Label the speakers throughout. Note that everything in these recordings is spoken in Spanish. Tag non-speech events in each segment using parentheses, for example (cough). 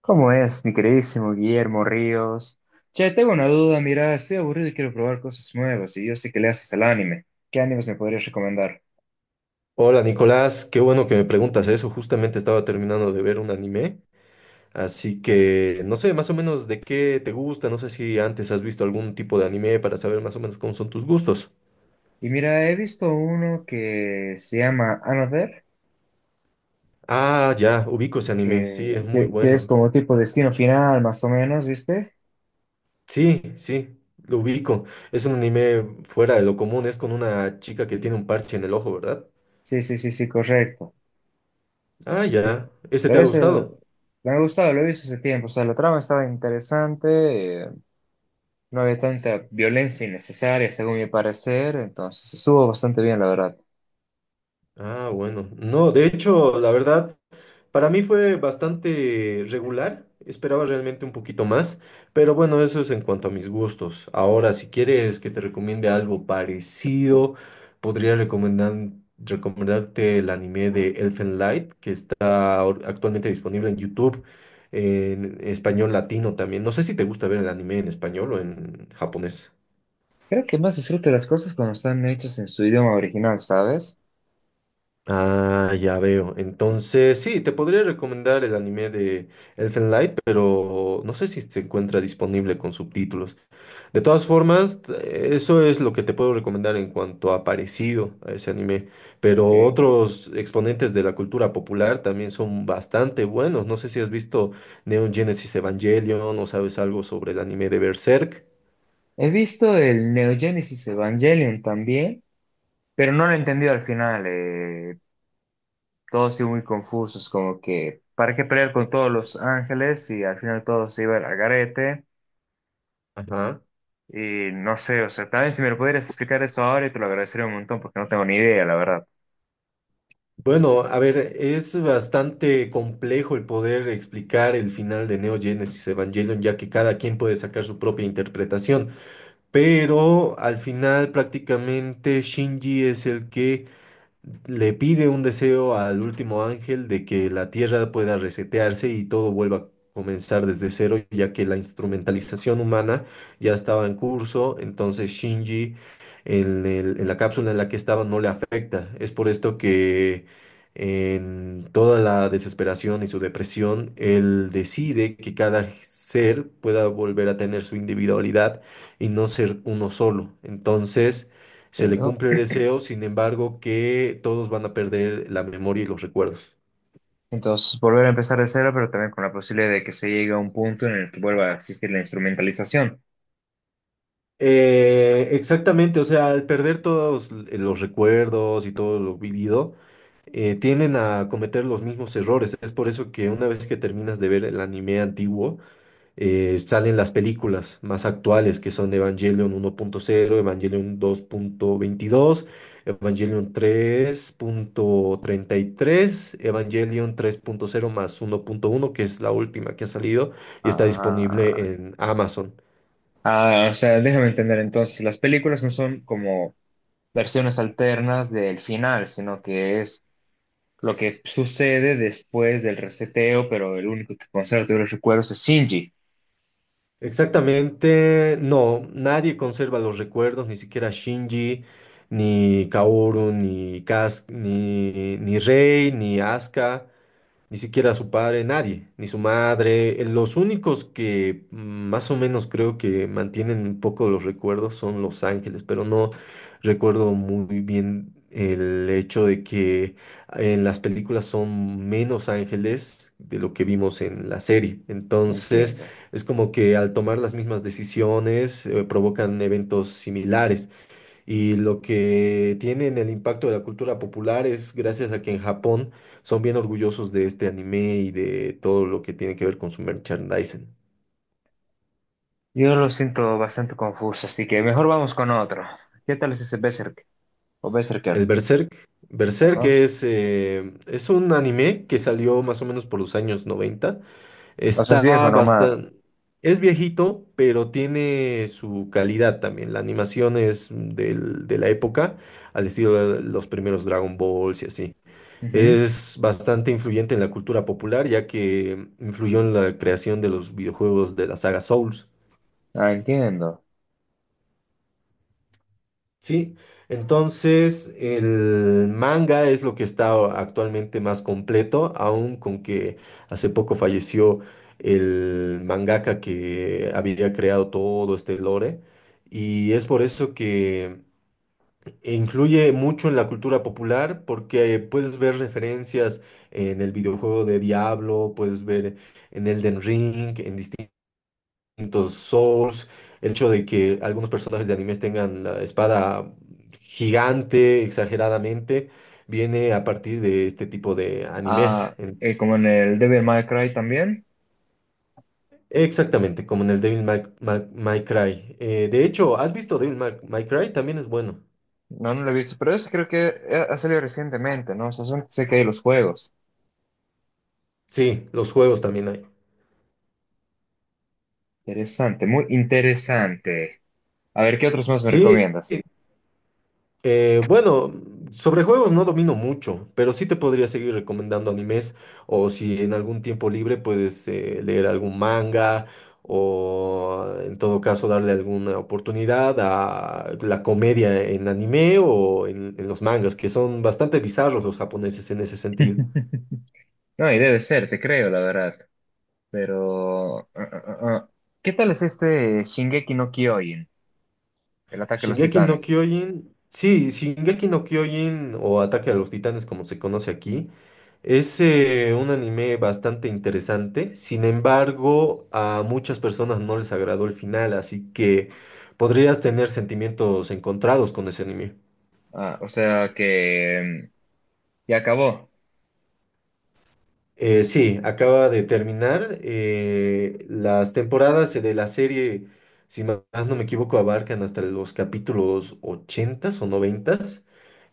Speaker 1: ¿Cómo es, mi queridísimo Guillermo Ríos? Che, tengo una duda, mira, estoy aburrido y quiero probar cosas nuevas, y yo sé que le haces al anime. ¿Qué animes me podrías recomendar?
Speaker 2: Hola Nicolás, qué bueno que me preguntas eso. Justamente estaba terminando de ver un anime, así que no sé más o menos de qué te gusta, no sé si antes has visto algún tipo de anime para saber más o menos cómo son tus gustos.
Speaker 1: Y mira, he visto uno que se llama Another,
Speaker 2: Ah, ya, ubico ese anime,
Speaker 1: que,
Speaker 2: sí, es muy
Speaker 1: que, que es
Speaker 2: bueno.
Speaker 1: como tipo destino final, más o menos, ¿viste?
Speaker 2: Sí, sí, lo ubico. Es un anime fuera de lo común, es con una chica que tiene un parche en el ojo, ¿verdad?
Speaker 1: Sí, sí, sí, sí, correcto.
Speaker 2: Ah,
Speaker 1: Es-
Speaker 2: ya, ¿ese te
Speaker 1: pero
Speaker 2: ha
Speaker 1: eso
Speaker 2: gustado?
Speaker 1: me ha gustado, lo he visto hace tiempo, o sea, la trama estaba interesante, no había tanta violencia innecesaria, según mi parecer, entonces estuvo bastante bien, la verdad.
Speaker 2: Ah, bueno. No, de hecho, la verdad... Para mí fue bastante regular, esperaba realmente un poquito más, pero bueno, eso es en cuanto a mis gustos. Ahora, si quieres que te recomiende algo parecido, podría recomendarte el anime de Elfen Light, que está actualmente disponible en YouTube en español latino también. No sé si te gusta ver el anime en español o en japonés.
Speaker 1: Creo que más disfruto las cosas cuando están hechas en su idioma original, ¿sabes?
Speaker 2: Ah, ya veo. Entonces, sí, te podría recomendar el anime de Elfen Light, pero no sé si se encuentra disponible con subtítulos. De todas formas, eso es lo que te puedo recomendar en cuanto a parecido a ese anime. Pero
Speaker 1: Ok. He
Speaker 2: otros exponentes de la cultura popular también son bastante buenos. No sé si has visto Neon Genesis Evangelion o sabes algo sobre el anime de Berserk.
Speaker 1: visto el Neo Genesis Evangelion también, pero no lo he entendido al final. Todos siguen muy confusos, como que, ¿para qué pelear con todos los ángeles y al final todo se iba al garete?
Speaker 2: Ajá.
Speaker 1: Y no sé, o sea, también si me lo pudieras explicar eso ahora, y te lo agradecería un montón porque no tengo ni idea, la verdad.
Speaker 2: Bueno, a ver, es bastante complejo el poder explicar el final de Neo Genesis Evangelion, ya que cada quien puede sacar su propia interpretación, pero al final prácticamente Shinji es el que le pide un deseo al último ángel de que la tierra pueda resetearse y todo vuelva a comenzar desde cero, ya que la instrumentalización humana ya estaba en curso, entonces Shinji en la cápsula en la que estaba no le afecta. Es por esto que en toda la desesperación y su depresión, él decide que cada ser pueda volver a tener su individualidad y no ser uno solo. Entonces, se le
Speaker 1: Entiendo.
Speaker 2: cumple el deseo, sin embargo, que todos van a perder la memoria y los recuerdos.
Speaker 1: Entonces, volver a empezar de cero, pero también con la posibilidad de que se llegue a un punto en el que vuelva a existir la instrumentalización.
Speaker 2: Exactamente, o sea, al perder todos los recuerdos y todo lo vivido, tienden a cometer los mismos errores. Es por eso que una vez que terminas de ver el anime antiguo, salen las películas más actuales que son Evangelion 1.0, Evangelion 2.22, Evangelion 3.33, Evangelion 3.0 más 1.1, que es la última que ha salido y está
Speaker 1: Ah.
Speaker 2: disponible en Amazon.
Speaker 1: Ah, o sea, déjame entender entonces, las películas no son como versiones alternas del final, sino que es lo que sucede después del reseteo, pero el único que conserva todos los recuerdos es Shinji.
Speaker 2: Exactamente, no, nadie conserva los recuerdos, ni siquiera Shinji, ni Kaoru, ni Kas, ni Rei, ni Asuka. Ni siquiera su padre, nadie, ni su madre. Los únicos que más o menos creo que mantienen un poco los recuerdos son Los Ángeles, pero no recuerdo muy bien el hecho de que en las películas son menos ángeles de lo que vimos en la serie. Entonces,
Speaker 1: Entiendo.
Speaker 2: es como que al tomar las mismas decisiones, provocan eventos similares. Y lo que tienen el impacto de la cultura popular es gracias a que en Japón son bien orgullosos de este anime y de todo lo que tiene que ver con su merchandising.
Speaker 1: Yo lo siento bastante confuso, así que mejor vamos con otro. ¿Qué tal es ese Berserk? O
Speaker 2: El
Speaker 1: Berserker.
Speaker 2: Berserk. Berserk
Speaker 1: Ajá.
Speaker 2: es un anime que salió más o menos por los años 90.
Speaker 1: O sea, es
Speaker 2: Está
Speaker 1: viejo nomás.
Speaker 2: bastante... Es viejito, pero tiene su calidad también. La animación es de la época, al estilo de los primeros Dragon Balls y así.
Speaker 1: Ujú.
Speaker 2: Es bastante influyente en la cultura popular, ya que influyó en la creación de los videojuegos de la saga Souls.
Speaker 1: Ah, entiendo.
Speaker 2: Sí, entonces el manga es lo que está actualmente más completo, aun con que hace poco falleció el mangaka que había creado todo este lore. Y es por eso que e influye mucho en la cultura popular porque puedes ver referencias en el videojuego de Diablo, puedes ver en Elden Ring, en distintos Souls, el hecho de que algunos personajes de animes tengan la espada gigante exageradamente, viene a partir de este tipo de animes.
Speaker 1: Ah,
Speaker 2: En-
Speaker 1: como en el Devil May Cry también.
Speaker 2: Exactamente, como en el Devil May Cry. De hecho, ¿has visto Devil May Cry? También es bueno.
Speaker 1: No, no lo he visto, pero ese creo que ha salido recientemente, ¿no? O sea, solamente sé que hay los juegos.
Speaker 2: Sí, los juegos también hay.
Speaker 1: Interesante, muy interesante. A ver, ¿qué otros más me
Speaker 2: Sí.
Speaker 1: recomiendas?
Speaker 2: Bueno, sobre juegos no domino mucho, pero sí te podría seguir recomendando animes o si en algún tiempo libre puedes leer algún manga o en todo caso darle alguna oportunidad a la comedia en anime o en los mangas, que son bastante bizarros los japoneses en ese sentido.
Speaker 1: (laughs) No, y debe ser, te creo, la verdad. Pero, ¿Qué tal es este Shingeki no Kyojin, el ataque a los
Speaker 2: Shingeki no
Speaker 1: titanes?
Speaker 2: Kyojin, sí, Shingeki no Kyojin o Ataque a los Titanes como se conoce aquí, es un anime bastante interesante, sin embargo a muchas personas no les agradó el final, así que podrías tener sentimientos encontrados con ese anime.
Speaker 1: Ah, o sea que ya acabó.
Speaker 2: Sí, acaba de terminar, las temporadas de la serie, si más no me equivoco, abarcan hasta los capítulos 80 o 90.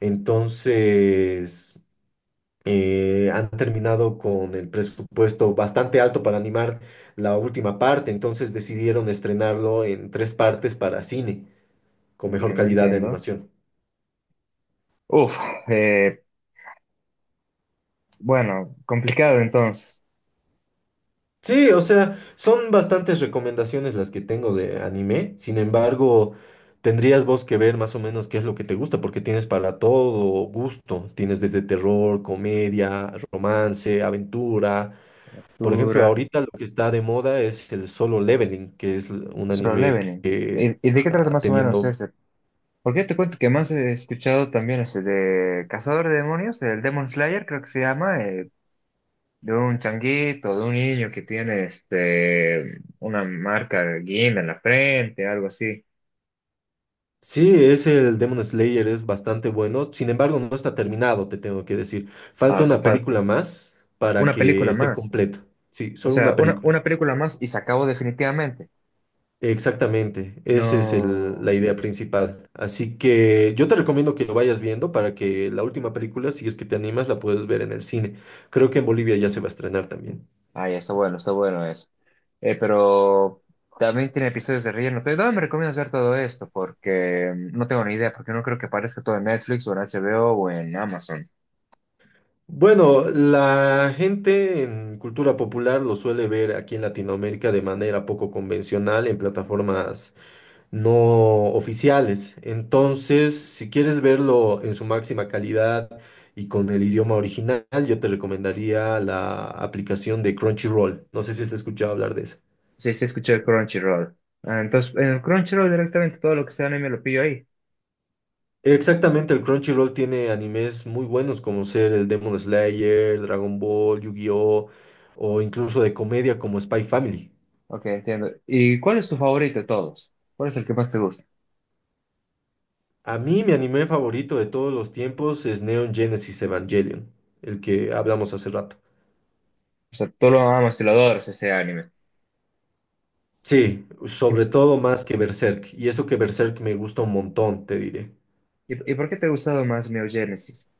Speaker 2: Entonces... han terminado con el presupuesto bastante alto para animar la última parte, entonces decidieron estrenarlo en tres partes para cine, con mejor
Speaker 1: Entiendo,
Speaker 2: calidad de
Speaker 1: entiendo.
Speaker 2: animación.
Speaker 1: Uf, eh, bueno, complicado entonces.
Speaker 2: Sí, o sea, son bastantes recomendaciones las que tengo de anime, sin embargo, tendrías vos que ver más o menos qué es lo que te gusta, porque tienes para todo gusto, tienes desde terror, comedia, romance, aventura. Por ejemplo,
Speaker 1: Dura.
Speaker 2: ahorita lo que está de moda es el Solo Leveling, que es un
Speaker 1: Solo
Speaker 2: anime
Speaker 1: Leveling.
Speaker 2: que
Speaker 1: Y de qué trata
Speaker 2: está
Speaker 1: más o menos
Speaker 2: teniendo...
Speaker 1: ese? Porque yo te cuento que más he escuchado también ese de Cazador de Demonios, el Demon Slayer creo que se llama, de un changuito, de un niño que tiene este una marca de guinda en la frente, algo así.
Speaker 2: Sí, es el Demon Slayer, es bastante bueno. Sin embargo, no está terminado, te tengo que decir.
Speaker 1: Ah,
Speaker 2: Falta
Speaker 1: o sea,
Speaker 2: una película más para
Speaker 1: una
Speaker 2: que
Speaker 1: película
Speaker 2: esté
Speaker 1: más.
Speaker 2: completo. Sí,
Speaker 1: O
Speaker 2: solo
Speaker 1: sea,
Speaker 2: una
Speaker 1: una,
Speaker 2: película.
Speaker 1: una película más y se acabó definitivamente.
Speaker 2: Exactamente, esa es la
Speaker 1: No.
Speaker 2: idea principal. Así que yo te recomiendo que lo vayas viendo para que la última película, si es que te animas, la puedas ver en el cine. Creo que en Bolivia ya se va a estrenar también.
Speaker 1: Ay, está bueno eso. Pero también tiene episodios de relleno. Pero ¿dónde me recomiendas ver todo esto? Porque no tengo ni idea, porque no creo que aparezca todo en Netflix o en HBO o en Amazon.
Speaker 2: Bueno, la gente en cultura popular lo suele ver aquí en Latinoamérica de manera poco convencional en plataformas no oficiales. Entonces, si quieres verlo en su máxima calidad y con el idioma original, yo te recomendaría la aplicación de Crunchyroll. No sé si has escuchado hablar de esa.
Speaker 1: Sí, sí, escuché el Crunchyroll. Ah, entonces, en el Crunchyroll directamente todo lo que sea anime lo pillo ahí.
Speaker 2: Exactamente, el Crunchyroll tiene animes muy buenos como ser el Demon Slayer, Dragon Ball, Yu-Gi-Oh! O incluso de comedia como Spy Family.
Speaker 1: Ok, entiendo. ¿Y cuál es tu favorito de todos? ¿Cuál es el que más te gusta?
Speaker 2: A mí mi anime favorito de todos los tiempos es Neon Genesis Evangelion, el que hablamos hace rato.
Speaker 1: O sea, tú lo amas y lo adoras ese anime.
Speaker 2: Sí,
Speaker 1: ¿Y, y,
Speaker 2: sobre todo más que Berserk, y eso que Berserk me gusta un montón, te diré.
Speaker 1: y por qué te ha gustado más Neo Genesis?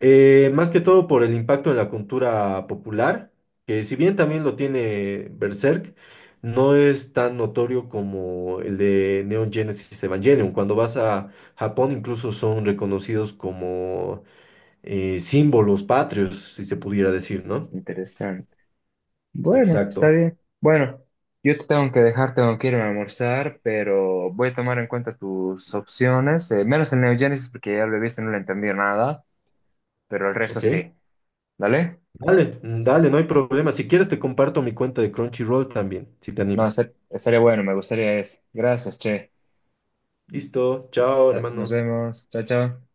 Speaker 2: Más que todo por el impacto en la cultura popular, que si bien también lo tiene Berserk, no es tan notorio como el de Neon Genesis Evangelion. Cuando vas a Japón incluso son reconocidos como símbolos patrios, si se pudiera decir, ¿no?
Speaker 1: Interesante. Bueno, está
Speaker 2: Exacto.
Speaker 1: bien. Bueno, yo te tengo que dejar, tengo que irme a almorzar, pero voy a tomar en cuenta tus opciones, menos el Neo Genesis porque ya lo he visto y no le entendí nada, pero el resto
Speaker 2: Ok,
Speaker 1: sí. ¿Dale?
Speaker 2: dale, dale, no hay problema. Si quieres te comparto mi cuenta de Crunchyroll también, si te
Speaker 1: No,
Speaker 2: animas.
Speaker 1: estaría bueno, me gustaría eso. Gracias, che.
Speaker 2: Listo, chao,
Speaker 1: Dale, nos
Speaker 2: hermano.
Speaker 1: vemos. Chao, chao.